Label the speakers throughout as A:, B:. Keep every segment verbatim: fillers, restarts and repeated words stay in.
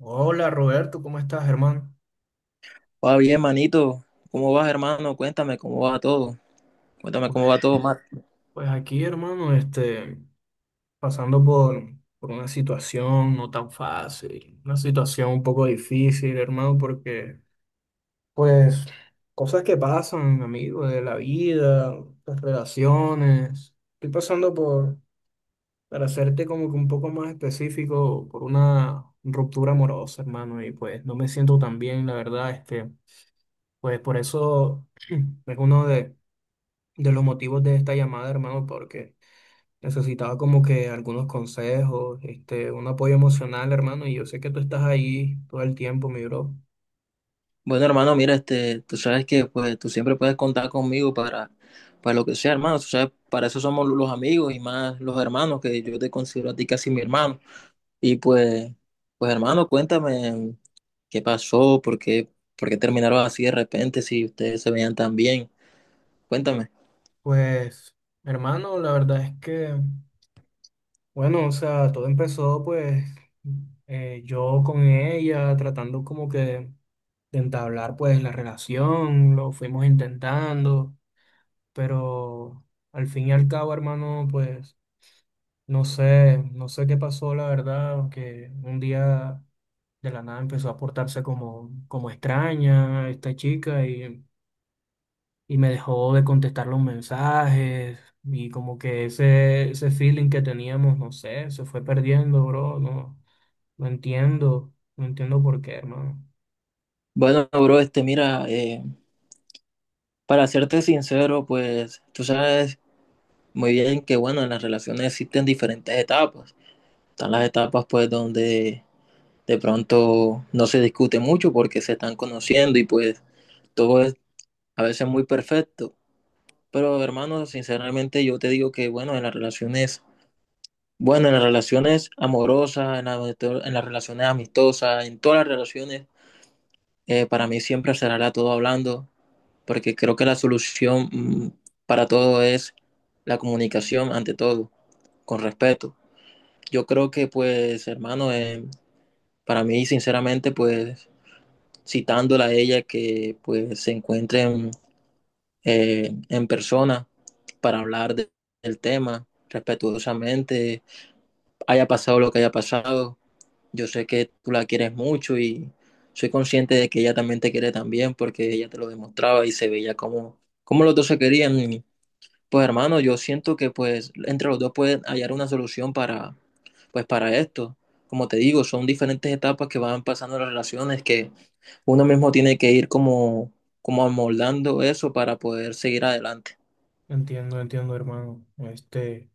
A: Hola Roberto, ¿cómo estás, hermano?
B: Va bien, manito. ¿Cómo vas, hermano? Cuéntame cómo va todo. Cuéntame cómo
A: Pues
B: va todo, Mar.
A: pues aquí, hermano, este, pasando por, por una situación no tan fácil, una situación un poco difícil, hermano, porque, pues, cosas que pasan, amigo, de la vida, las relaciones. Estoy pasando por, para hacerte como que un poco más específico, por una ruptura amorosa, hermano, y pues no me siento tan bien, la verdad, este, pues por eso es uno de de los motivos de esta llamada, hermano, porque necesitaba como que algunos consejos, este, un apoyo emocional, hermano, y yo sé que tú estás ahí todo el tiempo, mi bro.
B: Bueno, hermano, mira, este, tú sabes que pues tú siempre puedes contar conmigo para, para lo que sea, hermano. Tú sabes, para eso somos los amigos y más los hermanos, que yo te considero a ti casi mi hermano. Y pues, pues hermano, cuéntame qué pasó, por qué, por qué terminaron así de repente, si ustedes se veían tan bien. Cuéntame.
A: Pues, hermano, la verdad es que, bueno, o sea, todo empezó pues eh, yo con ella tratando como que de entablar pues la relación, lo fuimos intentando, pero al fin y al cabo, hermano, pues no sé, no sé qué pasó, la verdad, que un día de la nada empezó a portarse como, como extraña esta chica y, y me dejó de contestar los mensajes y como que ese, ese feeling que teníamos, no sé, se fue perdiendo, bro. No, no entiendo, no entiendo por qué, hermano.
B: Bueno, bro, este, mira, eh, para serte sincero, pues, tú sabes muy bien que, bueno, en las relaciones existen diferentes etapas. Están las etapas, pues, donde de pronto no se discute mucho porque se están conociendo y, pues, todo es a veces muy perfecto. Pero, hermano, sinceramente yo te digo que, bueno, en las relaciones, bueno, en las relaciones amorosas, en, la- en las relaciones amistosas, en todas las relaciones, eh, para mí siempre será todo hablando, porque creo que la solución, mm, para todo es la comunicación ante todo, con respeto. Yo creo que pues, hermano, eh, para mí, sinceramente, pues, citándola a ella, que pues se encuentren eh, en persona para hablar de- del tema respetuosamente, haya pasado lo que haya pasado. Yo sé que tú la quieres mucho y soy consciente de que ella también te quiere también porque ella te lo demostraba y se veía como, como los dos se querían y pues hermano, yo siento que pues entre los dos pueden hallar una solución para pues para esto. Como te digo, son diferentes etapas que van pasando las relaciones que uno mismo tiene que ir como como amoldando eso para poder seguir adelante.
A: Entiendo, entiendo, hermano. Este,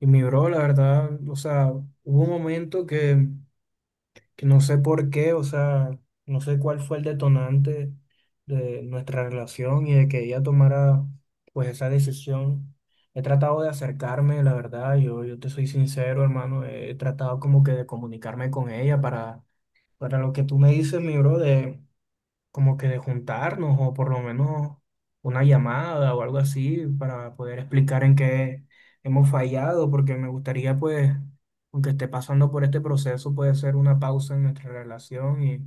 A: y mi bro, la verdad, o sea, hubo un momento que que no sé por qué, o sea, no sé cuál fue el detonante de nuestra relación y de que ella tomara pues esa decisión. He tratado de acercarme, la verdad, yo, yo te soy sincero, hermano, he tratado como que de comunicarme con ella para, para lo que tú me dices, mi bro, como que de juntarnos o por lo menos una llamada o algo así para poder explicar en qué hemos fallado, porque me gustaría pues, aunque esté pasando por este proceso, puede ser una pausa en nuestra relación y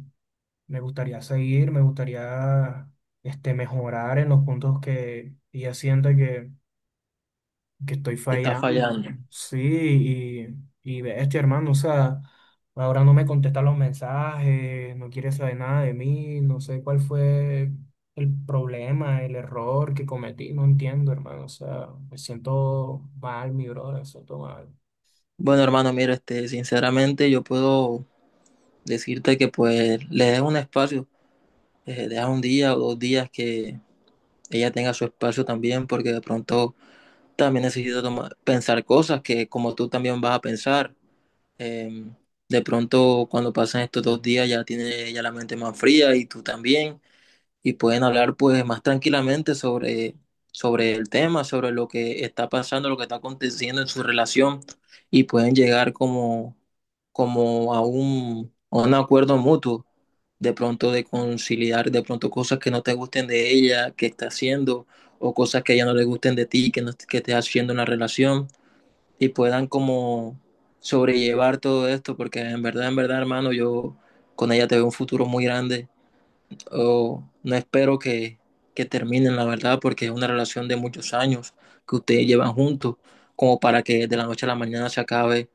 A: me gustaría seguir, me gustaría este, mejorar en los puntos que ella sienta que que estoy
B: Está
A: fallando.
B: fallando.
A: Sí, y, y bestia, hermano, o sea, ahora no me contesta los mensajes, no quiere saber nada de mí, no sé cuál fue el problema, el error que cometí, no entiendo, hermano, o sea, me siento mal, mi brother, me siento mal.
B: Bueno, hermano, mira, este sinceramente yo puedo decirte que pues le des un espacio, eh, deja un día o dos días que ella tenga su espacio también porque de pronto también necesita tomar- pensar cosas que como tú también vas a pensar. Eh, de pronto, cuando pasan estos dos días, ya tiene ya la mente más fría y tú también, y pueden hablar pues más tranquilamente sobre, sobre el tema, sobre lo que está pasando, lo que está aconteciendo en su relación, y pueden llegar como, como a un, a un acuerdo mutuo, de pronto de conciliar, de pronto cosas que no te gusten de ella, que está haciendo, o cosas que a ella no le gusten de ti, que, no, que estés haciendo en la relación y puedan como sobrellevar todo esto, porque en verdad, en verdad, hermano, yo con ella te veo un futuro muy grande. Oh, no espero que, que terminen, la verdad, porque es una relación de muchos años que ustedes llevan juntos, como para que de la noche a la mañana se acabe.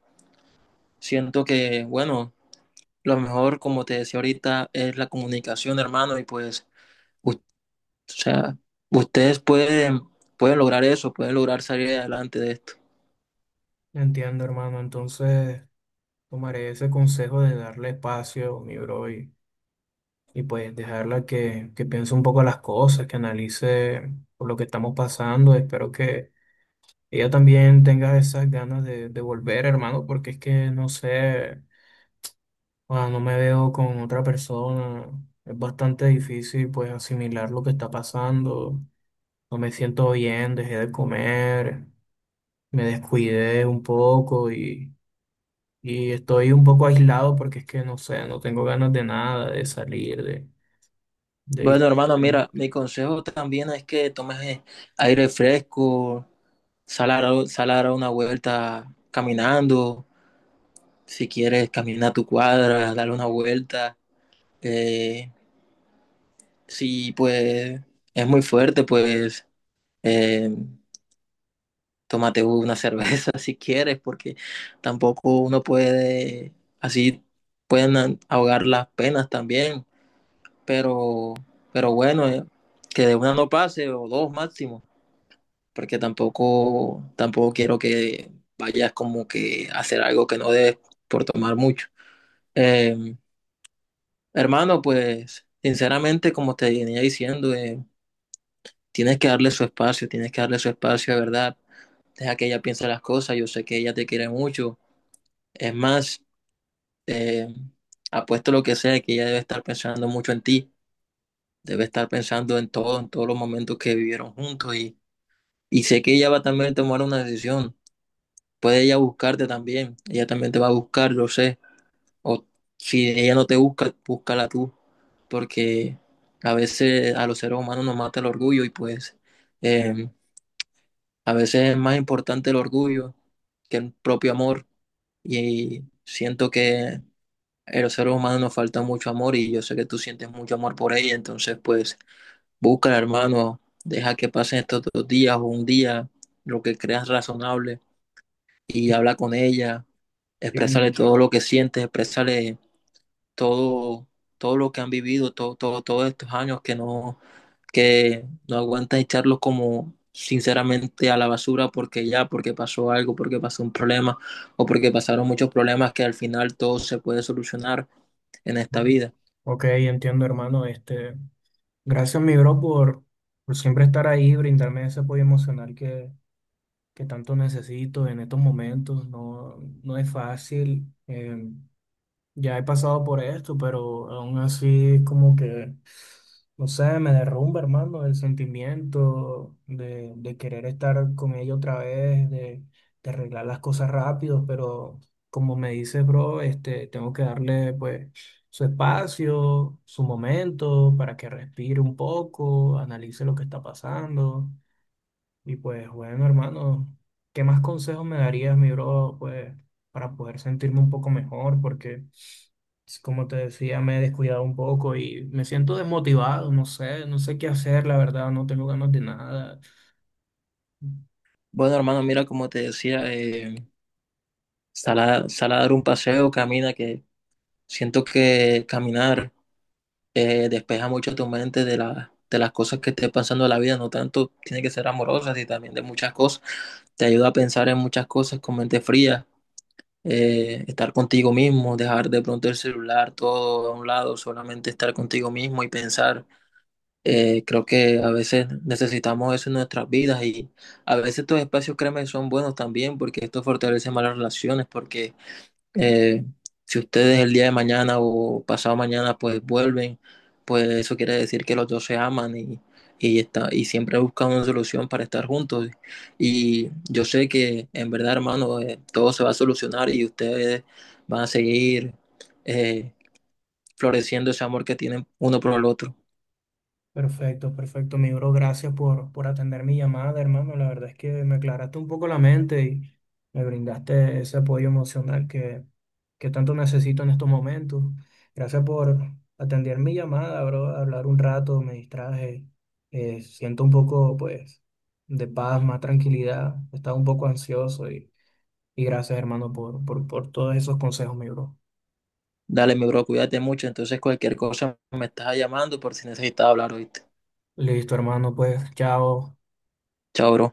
B: Siento que, bueno, lo mejor, como te decía ahorita, es la comunicación, hermano, y pues, u- o sea, ustedes pueden, pueden lograr eso, pueden lograr salir adelante de esto.
A: Entiendo, hermano, entonces tomaré ese consejo de darle espacio, mi bro, y, y pues dejarla que, que piense un poco las cosas, que analice por lo que estamos pasando, espero que ella también tenga esas ganas de, de volver, hermano, porque es que no sé, cuando no me veo con otra persona, es bastante difícil pues asimilar lo que está pasando, no me siento bien, dejé de comer, me descuidé un poco y, y estoy un poco aislado porque es que no sé, no tengo ganas de nada, de salir, de...
B: Bueno,
A: de...
B: hermano, mira, mi consejo también es que tomes eh, aire fresco, sal a, dar- a una vuelta caminando, si quieres camina tu cuadra, dale una vuelta. eh, si pues es muy fuerte, pues eh, tómate una cerveza si quieres, porque tampoco uno puede, así pueden ahogar las penas también, pero, pero bueno, eh, que de una no pase o dos máximo. Porque tampoco, tampoco quiero que vayas como que a hacer algo que no debes por tomar mucho. Eh, Hermano, pues sinceramente, como te venía diciendo, eh, tienes que darle su espacio, tienes que darle su espacio de verdad. Deja que ella piense las cosas, yo sé que ella te quiere mucho. Es más, eh, apuesto lo que sea, que ella debe estar pensando mucho en ti, debe estar pensando en todo, en todos los momentos que vivieron juntos y, y sé que ella va también a tomar una decisión. Puede ella buscarte también, ella también te va a buscar, lo sé. O si ella no te busca, búscala tú, porque a veces a los seres humanos nos mata el orgullo y pues eh, a veces es más importante el orgullo que el propio amor. Y siento que a los seres humanos nos falta mucho amor y yo sé que tú sientes mucho amor por ella, entonces pues búscala, hermano, deja que pasen estos dos días o un día, lo que creas razonable y hablar con ella, expresarle
A: de-
B: todo lo que sientes, expresarle todo, todo lo que han vivido, todo, todo, todos estos años que no, que no aguantas echarlos como sinceramente a la basura porque ya, porque pasó algo, porque pasó un problema o porque pasaron muchos problemas que al final todo se puede solucionar en esta
A: Ok,
B: vida.
A: Ok, entiendo, hermano. Este, gracias, mi bro, por, por siempre estar ahí, brindarme ese apoyo emocional que, que tanto necesito en estos momentos. No, no es fácil. Eh, ya he pasado por esto, pero aún así como que, no sé, me derrumba, hermano, el sentimiento de, de querer estar con ella otra vez, de, de arreglar las cosas rápido, pero como me dices, bro, este, tengo que darle pues su espacio, su momento para que respire un poco, analice lo que está pasando. Y pues bueno, hermano, ¿qué más consejos me darías, mi bro, pues para poder sentirme un poco mejor? Porque, s- como te decía, me he descuidado un poco y me siento desmotivado, no sé, no sé qué hacer, la verdad, no tengo ganas de nada.
B: Bueno, hermano, mira, como te decía, eh, sal a, sal a dar un paseo, camina, que siento que caminar eh, despeja mucho tu mente de, la- de las cosas que estés pasando en la vida, no tanto tiene que ser amorosas y también de muchas cosas. Te ayuda a pensar en muchas cosas con mente fría, eh, estar contigo mismo, dejar de pronto el celular todo a un lado, solamente estar contigo mismo y pensar. Eh, creo que a veces necesitamos eso en nuestras vidas y a veces estos espacios, créeme, son buenos también porque esto fortalece más las relaciones, porque eh, si ustedes el día de mañana o pasado mañana pues vuelven, pues eso quiere decir que los dos se aman y, y, está, y siempre buscan una solución para estar juntos. Y yo sé que en verdad, hermano, eh, todo se va a solucionar y ustedes van a seguir eh, floreciendo ese amor que tienen uno por el otro.
A: Perfecto, perfecto, mi bro. Gracias por, por atender mi llamada, hermano. La verdad es que me aclaraste un poco la mente y me brindaste ese apoyo emocional que, que tanto necesito en estos momentos. Gracias por atender mi llamada, bro. Hablar un rato, me distraje. Eh, siento un poco, pues, de paz, más tranquilidad. Estaba un poco ansioso y, y gracias, hermano, por, por, por todos esos consejos, mi bro.
B: Dale, mi bro, cuídate mucho. Entonces, cualquier cosa me estás llamando por si necesitas hablar, ¿oíste?
A: Listo, hermano, pues, chao.
B: Chao, bro.